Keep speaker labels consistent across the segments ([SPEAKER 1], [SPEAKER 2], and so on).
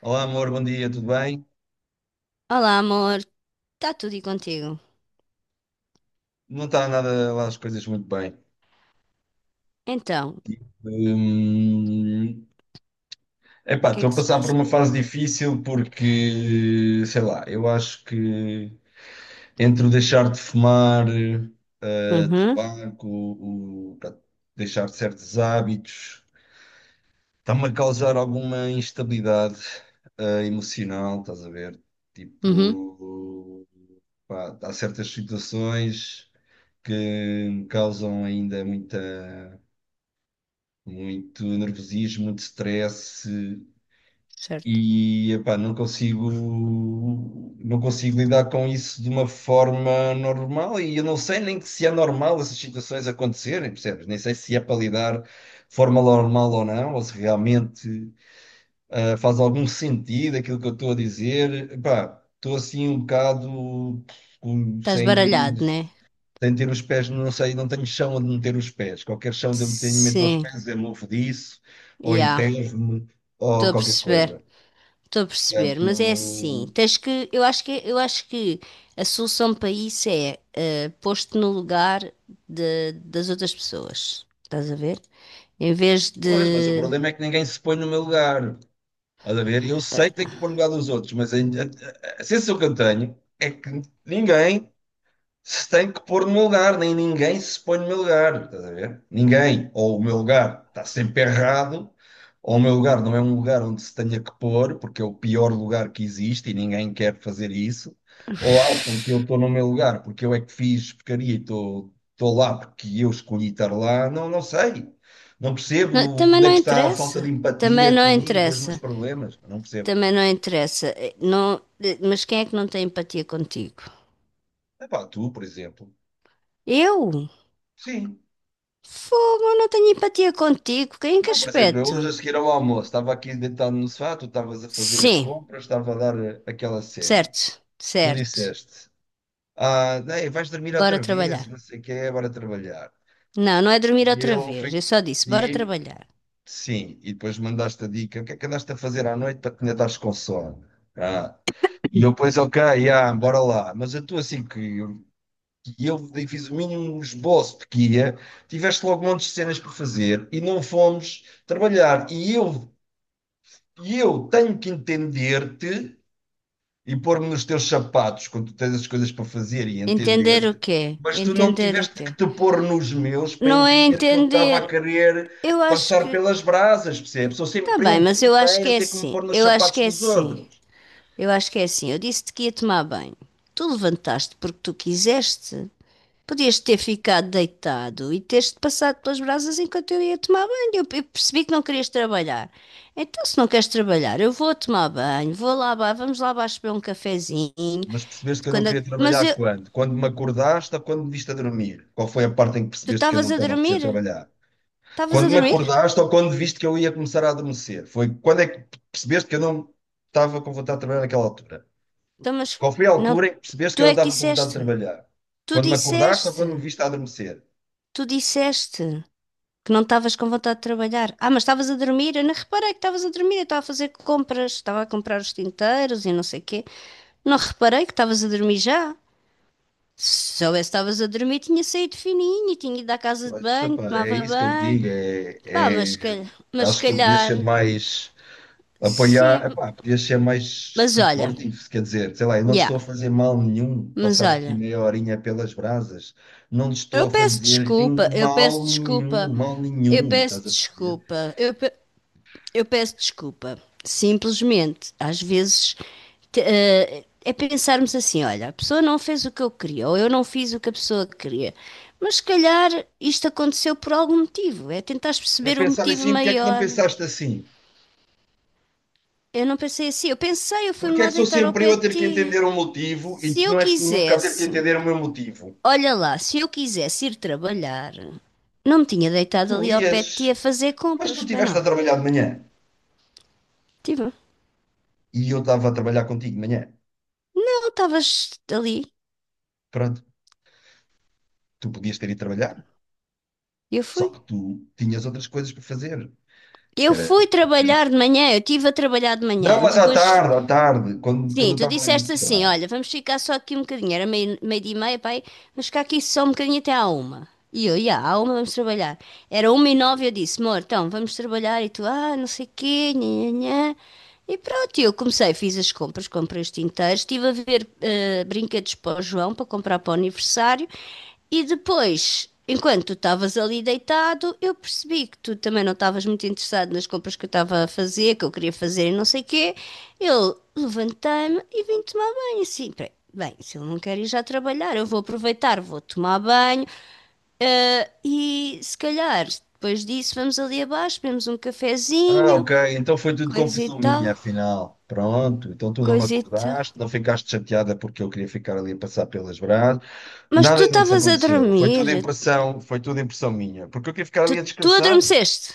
[SPEAKER 1] Olá, amor, bom dia, tudo bem?
[SPEAKER 2] Olá, amor. Está tudo e contigo?
[SPEAKER 1] Não está nada lá as coisas muito bem.
[SPEAKER 2] Então, o
[SPEAKER 1] Hum, epá,
[SPEAKER 2] que é
[SPEAKER 1] estou a
[SPEAKER 2] que se
[SPEAKER 1] passar por
[SPEAKER 2] passa?
[SPEAKER 1] uma fase difícil porque, sei lá, eu acho que entre o deixar de fumar,
[SPEAKER 2] Uhum,
[SPEAKER 1] tabaco, o, pá, deixar certos hábitos, está-me a causar alguma instabilidade, emocional, estás a ver?
[SPEAKER 2] uhum,
[SPEAKER 1] Tipo, pá, há certas situações que me causam ainda muita. Muito nervosismo, muito stress
[SPEAKER 2] certo.
[SPEAKER 1] e epá, não consigo lidar com isso de uma forma normal e eu não sei nem que se é normal essas situações acontecerem, percebes? Nem sei se é para lidar de forma normal ou não, ou se realmente faz algum sentido aquilo que eu estou a dizer. Epá, estou assim um bocado
[SPEAKER 2] Estás
[SPEAKER 1] sem
[SPEAKER 2] baralhado, né?
[SPEAKER 1] tenho de ter os pés, não sei, não tenho chão onde meter os pés. Qualquer chão onde eu me tenho meto os
[SPEAKER 2] Sim,
[SPEAKER 1] pés, é mofo disso, ou
[SPEAKER 2] já.
[SPEAKER 1] enterro-me, ou
[SPEAKER 2] Estou a
[SPEAKER 1] qualquer
[SPEAKER 2] perceber,
[SPEAKER 1] coisa.
[SPEAKER 2] estou a perceber.
[SPEAKER 1] Portanto,
[SPEAKER 2] Mas é assim, eu acho que a solução para isso é pôr-te no lugar das outras pessoas. Estás a ver? Em vez
[SPEAKER 1] pois, mas o
[SPEAKER 2] de.
[SPEAKER 1] problema é que ninguém se põe no meu lugar. Estás a ver? Eu sei que tenho que pôr no lugar dos outros, mas a sensação que eu tenho é que ninguém se tem que pôr no meu lugar, nem ninguém se põe no meu lugar, estás a ver? Ninguém. Ou o meu lugar está sempre errado, ou o meu lugar não é um lugar onde se tenha que pôr, porque é o pior lugar que existe e ninguém quer fazer isso, ou acham que eu estou no meu lugar porque eu é que fiz porcaria e estou lá porque eu escolhi estar lá, não, não sei. Não percebo
[SPEAKER 2] Não, também
[SPEAKER 1] onde é
[SPEAKER 2] não
[SPEAKER 1] que está a falta de
[SPEAKER 2] interessa. Também
[SPEAKER 1] empatia
[SPEAKER 2] não
[SPEAKER 1] comigo, com os meus
[SPEAKER 2] interessa.
[SPEAKER 1] problemas. Não percebo.
[SPEAKER 2] Também não interessa. Não, mas quem é que não tem empatia contigo?
[SPEAKER 1] Epá, tu, por exemplo.
[SPEAKER 2] Eu?
[SPEAKER 1] Sim.
[SPEAKER 2] Fogo, eu não tenho empatia contigo. Em que
[SPEAKER 1] Não, por exemplo, eu hoje
[SPEAKER 2] aspecto?
[SPEAKER 1] a seguir ao almoço estava aqui deitado no sofá, tu estavas a fazer as
[SPEAKER 2] Sim,
[SPEAKER 1] compras, estava a dar aquela série.
[SPEAKER 2] certo,
[SPEAKER 1] Tu
[SPEAKER 2] certo.
[SPEAKER 1] disseste, ah, ei, vais dormir
[SPEAKER 2] Bora
[SPEAKER 1] outra vez,
[SPEAKER 2] trabalhar.
[SPEAKER 1] não sei o que é, agora trabalhar.
[SPEAKER 2] Não, não é dormir
[SPEAKER 1] E
[SPEAKER 2] outra
[SPEAKER 1] eu
[SPEAKER 2] vez. Eu
[SPEAKER 1] fico,
[SPEAKER 2] só disse, bora
[SPEAKER 1] e
[SPEAKER 2] trabalhar.
[SPEAKER 1] sim, e depois mandaste a dica, o que é que andaste a fazer à noite para que ainda estás com sono? Ah, e eu depois, ok, ah, bora lá. Mas a tua, assim, que eu fiz o mínimo esboço de que ia, tiveste logo um monte de cenas para fazer e não fomos trabalhar. E eu tenho que entender-te e pôr-me nos teus sapatos quando tu tens as coisas para fazer e
[SPEAKER 2] Entender o
[SPEAKER 1] entender-te,
[SPEAKER 2] quê?
[SPEAKER 1] mas tu não
[SPEAKER 2] Entender o
[SPEAKER 1] tiveste
[SPEAKER 2] quê?
[SPEAKER 1] que te pôr nos meus para
[SPEAKER 2] Não é
[SPEAKER 1] entender que eu estava a
[SPEAKER 2] entender.
[SPEAKER 1] querer
[SPEAKER 2] Eu acho
[SPEAKER 1] passar
[SPEAKER 2] que.
[SPEAKER 1] pelas brasas, percebes? Sou
[SPEAKER 2] Tá
[SPEAKER 1] sempre eu
[SPEAKER 2] bem,
[SPEAKER 1] o
[SPEAKER 2] mas eu acho
[SPEAKER 1] primeiro
[SPEAKER 2] que
[SPEAKER 1] a
[SPEAKER 2] é
[SPEAKER 1] ter que me
[SPEAKER 2] assim.
[SPEAKER 1] pôr nos
[SPEAKER 2] Eu acho
[SPEAKER 1] sapatos
[SPEAKER 2] que é
[SPEAKER 1] dos
[SPEAKER 2] assim.
[SPEAKER 1] outros.
[SPEAKER 2] Eu acho que é assim. Eu disse-te que ia tomar banho. Tu levantaste porque tu quiseste. Podias ter ficado deitado e teres-te passado pelas brasas enquanto eu ia tomar banho. Eu percebi que não querias trabalhar. Então, se não queres trabalhar, eu vou tomar banho, vou lá, vamos lá abaixo beber um cafezinho.
[SPEAKER 1] Mas percebeste que eu não queria
[SPEAKER 2] Mas
[SPEAKER 1] trabalhar
[SPEAKER 2] eu,
[SPEAKER 1] quando? Quando me acordaste ou quando me viste a dormir? Qual foi a parte em que
[SPEAKER 2] tu
[SPEAKER 1] percebeste que eu
[SPEAKER 2] estavas
[SPEAKER 1] não
[SPEAKER 2] a
[SPEAKER 1] estava a precisar
[SPEAKER 2] dormir?
[SPEAKER 1] trabalhar?
[SPEAKER 2] Estavas
[SPEAKER 1] Quando
[SPEAKER 2] a
[SPEAKER 1] me
[SPEAKER 2] dormir?
[SPEAKER 1] acordaste ou quando viste que eu ia começar a adormecer? Foi quando é que percebeste que eu não estava com vontade de trabalhar naquela altura?
[SPEAKER 2] Então, mas
[SPEAKER 1] Qual foi a
[SPEAKER 2] não,
[SPEAKER 1] altura em que percebeste que
[SPEAKER 2] tu
[SPEAKER 1] eu não
[SPEAKER 2] é que
[SPEAKER 1] estava com vontade de
[SPEAKER 2] disseste.
[SPEAKER 1] trabalhar?
[SPEAKER 2] Tu
[SPEAKER 1] Quando me acordaste ou quando me
[SPEAKER 2] disseste.
[SPEAKER 1] viste a adormecer?
[SPEAKER 2] Tu disseste que não estavas com vontade de trabalhar. Ah, mas estavas a dormir? Eu não reparei que estavas a dormir. Eu estava a fazer compras, estava a comprar os tinteiros e não sei o quê. Não reparei que estavas a dormir já. Se soubesse que estavas a dormir, tinha saído fininho, tinha ido à casa de
[SPEAKER 1] Mas,
[SPEAKER 2] banho,
[SPEAKER 1] epá, é
[SPEAKER 2] tomava
[SPEAKER 1] isso que eu te
[SPEAKER 2] banho.
[SPEAKER 1] digo.
[SPEAKER 2] Pá, mas se calhar, mas se
[SPEAKER 1] Acho que tu podias
[SPEAKER 2] calhar.
[SPEAKER 1] ser mais
[SPEAKER 2] Sim,
[SPEAKER 1] apoiar, epá, podias ser mais
[SPEAKER 2] mas olha,
[SPEAKER 1] supportive, quer dizer, sei lá, eu não te
[SPEAKER 2] yeah,
[SPEAKER 1] estou a fazer mal nenhum
[SPEAKER 2] mas
[SPEAKER 1] passar aqui
[SPEAKER 2] olha.
[SPEAKER 1] meia horinha pelas brasas, não te estou
[SPEAKER 2] Eu
[SPEAKER 1] a
[SPEAKER 2] peço
[SPEAKER 1] fazer em
[SPEAKER 2] desculpa, eu peço desculpa,
[SPEAKER 1] mal
[SPEAKER 2] eu
[SPEAKER 1] nenhum,
[SPEAKER 2] peço
[SPEAKER 1] estás a perceber?
[SPEAKER 2] desculpa. Eu peço desculpa. Simplesmente, às vezes, é pensarmos assim: olha, a pessoa não fez o que eu queria, ou eu não fiz o que a pessoa queria. Mas se calhar isto aconteceu por algum motivo. É tentar
[SPEAKER 1] É
[SPEAKER 2] perceber o
[SPEAKER 1] pensar
[SPEAKER 2] motivo
[SPEAKER 1] assim, porque é que não
[SPEAKER 2] maior.
[SPEAKER 1] pensaste assim?
[SPEAKER 2] Eu não pensei assim. Eu pensei, eu fui-me
[SPEAKER 1] Porque é
[SPEAKER 2] lá
[SPEAKER 1] que sou
[SPEAKER 2] deitar ao
[SPEAKER 1] sempre eu
[SPEAKER 2] pé
[SPEAKER 1] a
[SPEAKER 2] de
[SPEAKER 1] ter que
[SPEAKER 2] ti.
[SPEAKER 1] entender um motivo e
[SPEAKER 2] Se eu
[SPEAKER 1] não és tu nunca a ter que
[SPEAKER 2] quisesse,
[SPEAKER 1] entender o meu motivo?
[SPEAKER 2] olha lá, se eu quisesse ir trabalhar, não me tinha deitado
[SPEAKER 1] Tu
[SPEAKER 2] ali ao pé
[SPEAKER 1] ias,
[SPEAKER 2] de ti a fazer
[SPEAKER 1] mas tu
[SPEAKER 2] compras, para
[SPEAKER 1] estiveste
[SPEAKER 2] não.
[SPEAKER 1] a trabalhar de manhã
[SPEAKER 2] Tipo,
[SPEAKER 1] e eu estava a trabalhar contigo de manhã.
[SPEAKER 2] não, estavas ali.
[SPEAKER 1] Pronto, tu podias ter ido trabalhar,
[SPEAKER 2] Eu
[SPEAKER 1] só
[SPEAKER 2] fui.
[SPEAKER 1] que tu tinhas outras coisas para fazer, que
[SPEAKER 2] Eu
[SPEAKER 1] era...
[SPEAKER 2] fui trabalhar de manhã, eu estive a trabalhar de
[SPEAKER 1] Não,
[SPEAKER 2] manhã.
[SPEAKER 1] mas
[SPEAKER 2] Depois,
[SPEAKER 1] à tarde, quando, quando
[SPEAKER 2] sim,
[SPEAKER 1] eu
[SPEAKER 2] tu
[SPEAKER 1] estava ali no
[SPEAKER 2] disseste assim:
[SPEAKER 1] sofá.
[SPEAKER 2] olha, vamos ficar só aqui um bocadinho. Era meio dia e meia, pai, vamos ficar aqui só um bocadinho até à uma. E eu, ia, à uma vamos trabalhar. Era uma e nove, eu disse: amor, então vamos trabalhar. E tu, ah, não sei o quê, nhanhã. E pronto, eu comecei, fiz as compras, comprei os tinteiros, estive a ver brinquedos para o João, para comprar para o aniversário, e depois, enquanto tu estavas ali deitado, eu percebi que tu também não estavas muito interessado nas compras que eu estava a fazer, que eu queria fazer e não sei o quê. Eu levantei-me e vim tomar banho, assim, peraí, bem, se ele não quer ir já trabalhar, eu vou aproveitar, vou tomar banho, e se calhar depois disso vamos ali abaixo, bebemos um
[SPEAKER 1] Ah,
[SPEAKER 2] cafezinho,
[SPEAKER 1] ok, então foi tudo
[SPEAKER 2] coisa e
[SPEAKER 1] confusão
[SPEAKER 2] tal
[SPEAKER 1] minha, afinal. Pronto, então tu não me
[SPEAKER 2] coisita.
[SPEAKER 1] acordaste, não ficaste chateada porque eu queria ficar ali a passar pelas brasas.
[SPEAKER 2] Mas
[SPEAKER 1] Nada
[SPEAKER 2] tu
[SPEAKER 1] disso
[SPEAKER 2] estavas a
[SPEAKER 1] aconteceu.
[SPEAKER 2] dormir.
[SPEAKER 1] Foi tudo impressão minha, porque eu queria ficar
[SPEAKER 2] Tu,
[SPEAKER 1] ali a
[SPEAKER 2] tu
[SPEAKER 1] descansar.
[SPEAKER 2] adormeceste.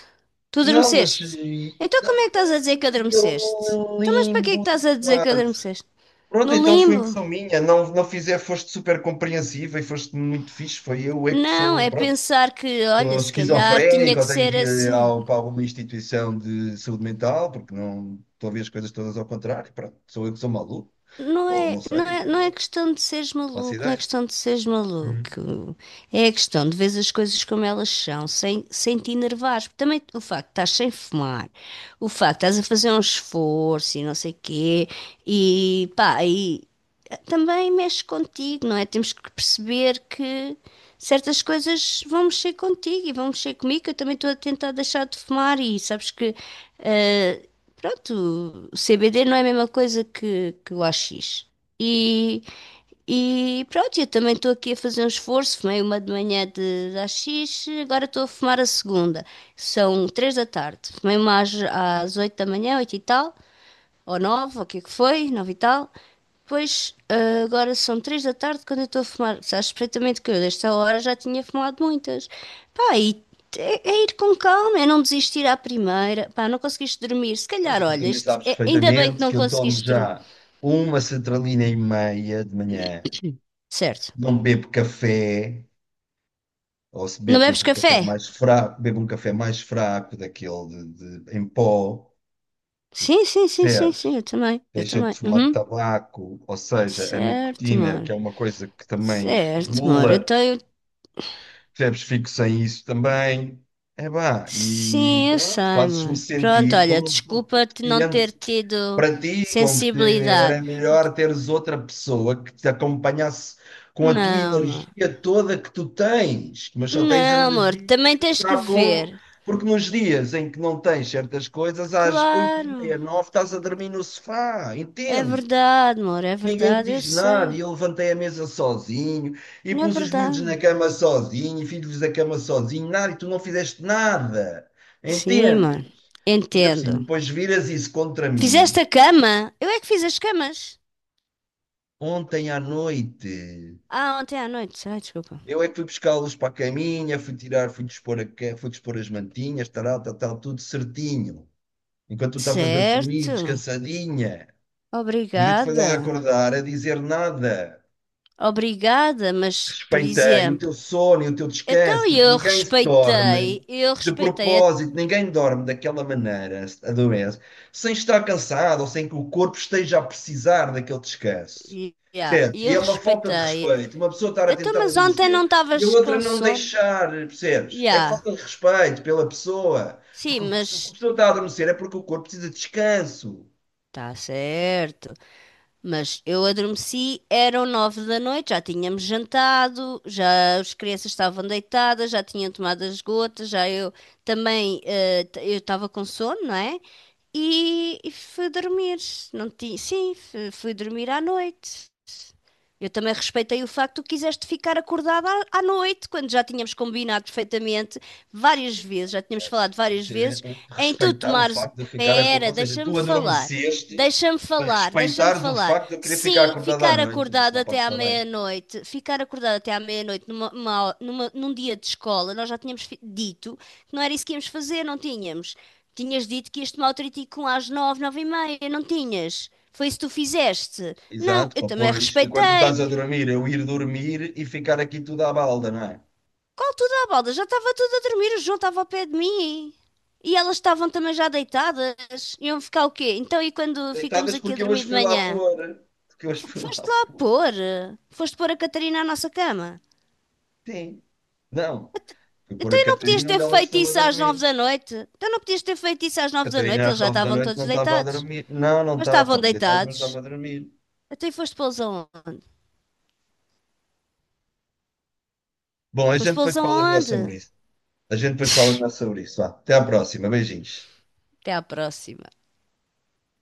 [SPEAKER 2] Tu
[SPEAKER 1] Não, mas
[SPEAKER 2] adormeceste.
[SPEAKER 1] e,
[SPEAKER 2] Então como é que
[SPEAKER 1] estava
[SPEAKER 2] estás a dizer que
[SPEAKER 1] naquele
[SPEAKER 2] adormeceste? Então mas para que é que
[SPEAKER 1] limbo de
[SPEAKER 2] estás a dizer que
[SPEAKER 1] quase.
[SPEAKER 2] adormeceste?
[SPEAKER 1] Pronto,
[SPEAKER 2] No
[SPEAKER 1] então foi
[SPEAKER 2] limbo?
[SPEAKER 1] impressão minha. Não, não fizer, foste super compreensiva e foste muito fixe. Foi eu é que
[SPEAKER 2] Não,
[SPEAKER 1] sou,
[SPEAKER 2] é
[SPEAKER 1] pronto,
[SPEAKER 2] pensar que, olha,
[SPEAKER 1] sou
[SPEAKER 2] se calhar tinha
[SPEAKER 1] esquizofrénico,
[SPEAKER 2] que
[SPEAKER 1] ou tenho que
[SPEAKER 2] ser
[SPEAKER 1] ir
[SPEAKER 2] assim.
[SPEAKER 1] ao, para alguma instituição de saúde mental, porque não estou a ver as coisas todas ao contrário. Pronto, sou eu que sou maluco,
[SPEAKER 2] Não
[SPEAKER 1] ou
[SPEAKER 2] é,
[SPEAKER 1] não
[SPEAKER 2] não
[SPEAKER 1] sei,
[SPEAKER 2] é, não é
[SPEAKER 1] eu
[SPEAKER 2] questão de seres
[SPEAKER 1] faço
[SPEAKER 2] maluco, não é
[SPEAKER 1] ideia.
[SPEAKER 2] questão de seres
[SPEAKER 1] Hum.
[SPEAKER 2] maluco. É a questão de ver as coisas como elas são, sem te enervares. Porque também o facto de estás sem fumar, o facto de estás a fazer um esforço e não sei quê, e pá, também mexe contigo, não é? Temos que perceber que certas coisas vão mexer contigo e vão mexer comigo. Eu também estou a tentar deixar de fumar e sabes que, eh, pronto, o CBD não é a mesma coisa que o AX. E, e pronto, eu também estou aqui a fazer um esforço. Fumei uma de manhã de AX, agora estou a fumar a segunda. São 3 da tarde. Fumei uma às 8 da manhã, 8 e tal ou nove, ou o que é que foi, 9 e tal. Depois, agora são 3 da tarde quando eu estou a fumar. Sabes perfeitamente que eu, desta hora, já tinha fumado muitas. Pá, e é ir com calma, é não desistir à primeira. Pá, não conseguiste dormir. Se calhar,
[SPEAKER 1] Mas tu
[SPEAKER 2] olha,
[SPEAKER 1] também sabes
[SPEAKER 2] ainda bem que
[SPEAKER 1] perfeitamente
[SPEAKER 2] não
[SPEAKER 1] que eu tomo
[SPEAKER 2] conseguiste dormir.
[SPEAKER 1] já uma sertralina e meia de manhã,
[SPEAKER 2] Certo.
[SPEAKER 1] não bebo café. Ou se
[SPEAKER 2] Não
[SPEAKER 1] bebe,
[SPEAKER 2] bebes
[SPEAKER 1] bebe um café
[SPEAKER 2] café?
[SPEAKER 1] mais fraco, bebe um café mais fraco, daquele de em pó,
[SPEAKER 2] Sim, sim, sim, sim, sim,
[SPEAKER 1] percebes?
[SPEAKER 2] eu também. Eu
[SPEAKER 1] Deixa de
[SPEAKER 2] também.
[SPEAKER 1] fumar
[SPEAKER 2] Uhum.
[SPEAKER 1] tabaco, ou seja, a
[SPEAKER 2] Certo,
[SPEAKER 1] nicotina, que
[SPEAKER 2] amor.
[SPEAKER 1] é uma coisa que também
[SPEAKER 2] Certo, amor. Eu
[SPEAKER 1] estimula,
[SPEAKER 2] tenho.
[SPEAKER 1] percebes? Fico sem isso também. É pá, e
[SPEAKER 2] Sim, eu sei,
[SPEAKER 1] pronto, fazes-me
[SPEAKER 2] amor. Pronto,
[SPEAKER 1] sentir
[SPEAKER 2] olha,
[SPEAKER 1] como um pouco
[SPEAKER 2] desculpa-te não ter tido
[SPEAKER 1] para ti, como se
[SPEAKER 2] sensibilidade.
[SPEAKER 1] era melhor teres outra pessoa que te acompanhasse com a tua
[SPEAKER 2] Não, amor.
[SPEAKER 1] energia toda que tu tens, mas só tens
[SPEAKER 2] Não, amor,
[SPEAKER 1] energia, a
[SPEAKER 2] também
[SPEAKER 1] gente
[SPEAKER 2] tens que
[SPEAKER 1] sabe como,
[SPEAKER 2] ver.
[SPEAKER 1] porque nos dias em que não tens certas coisas, às oito e
[SPEAKER 2] Claro,
[SPEAKER 1] meia, nove, estás a dormir no sofá,
[SPEAKER 2] é
[SPEAKER 1] entende?
[SPEAKER 2] verdade, amor, é
[SPEAKER 1] E ninguém te
[SPEAKER 2] verdade, eu
[SPEAKER 1] diz nada,
[SPEAKER 2] sei.
[SPEAKER 1] e eu levantei a mesa sozinho, e
[SPEAKER 2] É
[SPEAKER 1] pus os miúdos na
[SPEAKER 2] verdade.
[SPEAKER 1] cama sozinho, e fiz-lhes a cama sozinho, nada, e tu não fizeste nada,
[SPEAKER 2] Sim, amor,
[SPEAKER 1] entende? Ainda por cima,
[SPEAKER 2] entendo.
[SPEAKER 1] depois viras isso contra mim.
[SPEAKER 2] Fizeste a cama? Eu é que fiz as camas.
[SPEAKER 1] Ontem à noite,
[SPEAKER 2] Ah, ontem à noite, ai, desculpa.
[SPEAKER 1] eu é que fui buscá-los para a caminha, fui tirar, fui dispor, fui dispor as mantinhas, tal, tal, tal, tudo certinho. Enquanto tu estavas a dormir,
[SPEAKER 2] Certo,
[SPEAKER 1] descansadinha. Ninguém te foi lá
[SPEAKER 2] obrigada.
[SPEAKER 1] acordar a dizer nada.
[SPEAKER 2] Obrigada, mas, por
[SPEAKER 1] Respeitei o teu
[SPEAKER 2] exemplo.
[SPEAKER 1] sono e o teu descanso,
[SPEAKER 2] Então e
[SPEAKER 1] porque ninguém se dorme
[SPEAKER 2] eu
[SPEAKER 1] de
[SPEAKER 2] respeitei,
[SPEAKER 1] propósito, ninguém dorme daquela maneira, adoece, sem estar cansado ou sem que o corpo esteja a precisar daquele descanso.
[SPEAKER 2] yeah,
[SPEAKER 1] Percebes? E
[SPEAKER 2] eu
[SPEAKER 1] é uma falta de
[SPEAKER 2] respeitei.
[SPEAKER 1] respeito, uma pessoa estar a
[SPEAKER 2] Então,
[SPEAKER 1] tentar
[SPEAKER 2] mas ontem não
[SPEAKER 1] adormecer e a
[SPEAKER 2] estavas
[SPEAKER 1] outra
[SPEAKER 2] com
[SPEAKER 1] não
[SPEAKER 2] sono?
[SPEAKER 1] deixar, percebes? É
[SPEAKER 2] Yeah.
[SPEAKER 1] falta de respeito pela pessoa,
[SPEAKER 2] Sim,
[SPEAKER 1] porque se a
[SPEAKER 2] mas
[SPEAKER 1] pessoa está a adormecer é porque o corpo precisa de descanso.
[SPEAKER 2] tá certo. Mas eu adormeci, eram 9 da noite, já tínhamos jantado, já as crianças estavam deitadas, já tinham tomado as gotas, já eu também, eu estava com sono, não é? E fui dormir. Não ti, sim, fui dormir à noite. Eu também respeitei o facto que tu quiseste ficar acordada à noite, quando já tínhamos combinado perfeitamente várias vezes, já tínhamos
[SPEAKER 1] Assim,
[SPEAKER 2] falado várias
[SPEAKER 1] isso é
[SPEAKER 2] vezes, em tu
[SPEAKER 1] respeitar o
[SPEAKER 2] tomares.
[SPEAKER 1] facto de eu ficar acordado.
[SPEAKER 2] Pera,
[SPEAKER 1] Ou seja,
[SPEAKER 2] deixa-me
[SPEAKER 1] tu
[SPEAKER 2] falar.
[SPEAKER 1] adormeceste
[SPEAKER 2] Deixa-me
[SPEAKER 1] para
[SPEAKER 2] falar, deixa-me
[SPEAKER 1] respeitares o
[SPEAKER 2] falar.
[SPEAKER 1] facto de eu querer ficar
[SPEAKER 2] Sim,
[SPEAKER 1] acordado à
[SPEAKER 2] ficar
[SPEAKER 1] noite. Isso
[SPEAKER 2] acordado
[SPEAKER 1] não pode
[SPEAKER 2] até à
[SPEAKER 1] estar bem.
[SPEAKER 2] meia-noite, ficar acordado até à meia-noite num dia de escola, nós já tínhamos dito que não era isso que íamos fazer, não tínhamos. Tinhas dito que ias tomar o tritico às 9, 9h30, não tinhas? Foi isso que tu fizeste? Não,
[SPEAKER 1] Exato,
[SPEAKER 2] eu
[SPEAKER 1] pá,
[SPEAKER 2] também
[SPEAKER 1] pois. Enquanto tu
[SPEAKER 2] respeitei.
[SPEAKER 1] estás a dormir, eu ir dormir e ficar aqui tudo à balda, não é?
[SPEAKER 2] Qual tudo à balda? Já estava tudo a dormir, o João estava ao pé de mim. E elas estavam também já deitadas. Iam ficar o quê? Então, e quando ficamos
[SPEAKER 1] Deitadas
[SPEAKER 2] aqui a
[SPEAKER 1] porque eu
[SPEAKER 2] dormir
[SPEAKER 1] hoje
[SPEAKER 2] de
[SPEAKER 1] fui lá
[SPEAKER 2] manhã?
[SPEAKER 1] pôr. Porque eu hoje fui
[SPEAKER 2] Foste
[SPEAKER 1] lá
[SPEAKER 2] lá
[SPEAKER 1] pôr.
[SPEAKER 2] pôr? Foste pôr a Catarina à nossa cama?
[SPEAKER 1] Sim. Não.
[SPEAKER 2] Ent-
[SPEAKER 1] Fui pôr a
[SPEAKER 2] Então, e não podias
[SPEAKER 1] Catarina onde
[SPEAKER 2] ter
[SPEAKER 1] ela
[SPEAKER 2] feito
[SPEAKER 1] costuma
[SPEAKER 2] isso às nove
[SPEAKER 1] dormir.
[SPEAKER 2] da noite? Então, não podias ter feito isso às nove da
[SPEAKER 1] Catarina
[SPEAKER 2] noite? Eles
[SPEAKER 1] às
[SPEAKER 2] já
[SPEAKER 1] nove da
[SPEAKER 2] estavam
[SPEAKER 1] noite
[SPEAKER 2] todos
[SPEAKER 1] não estava a
[SPEAKER 2] deitados.
[SPEAKER 1] dormir. Não, não
[SPEAKER 2] Mas
[SPEAKER 1] estava.
[SPEAKER 2] estavam
[SPEAKER 1] Estava deitada, mas estava
[SPEAKER 2] deitados.
[SPEAKER 1] a dormir.
[SPEAKER 2] Até foste pô-los aonde?
[SPEAKER 1] Bom, a
[SPEAKER 2] Foste
[SPEAKER 1] gente
[SPEAKER 2] pô-los
[SPEAKER 1] depois fala melhor sobre
[SPEAKER 2] aonde?
[SPEAKER 1] isso. A gente depois fala melhor sobre isso. Vá. Até à próxima. Beijinhos.
[SPEAKER 2] Até à próxima.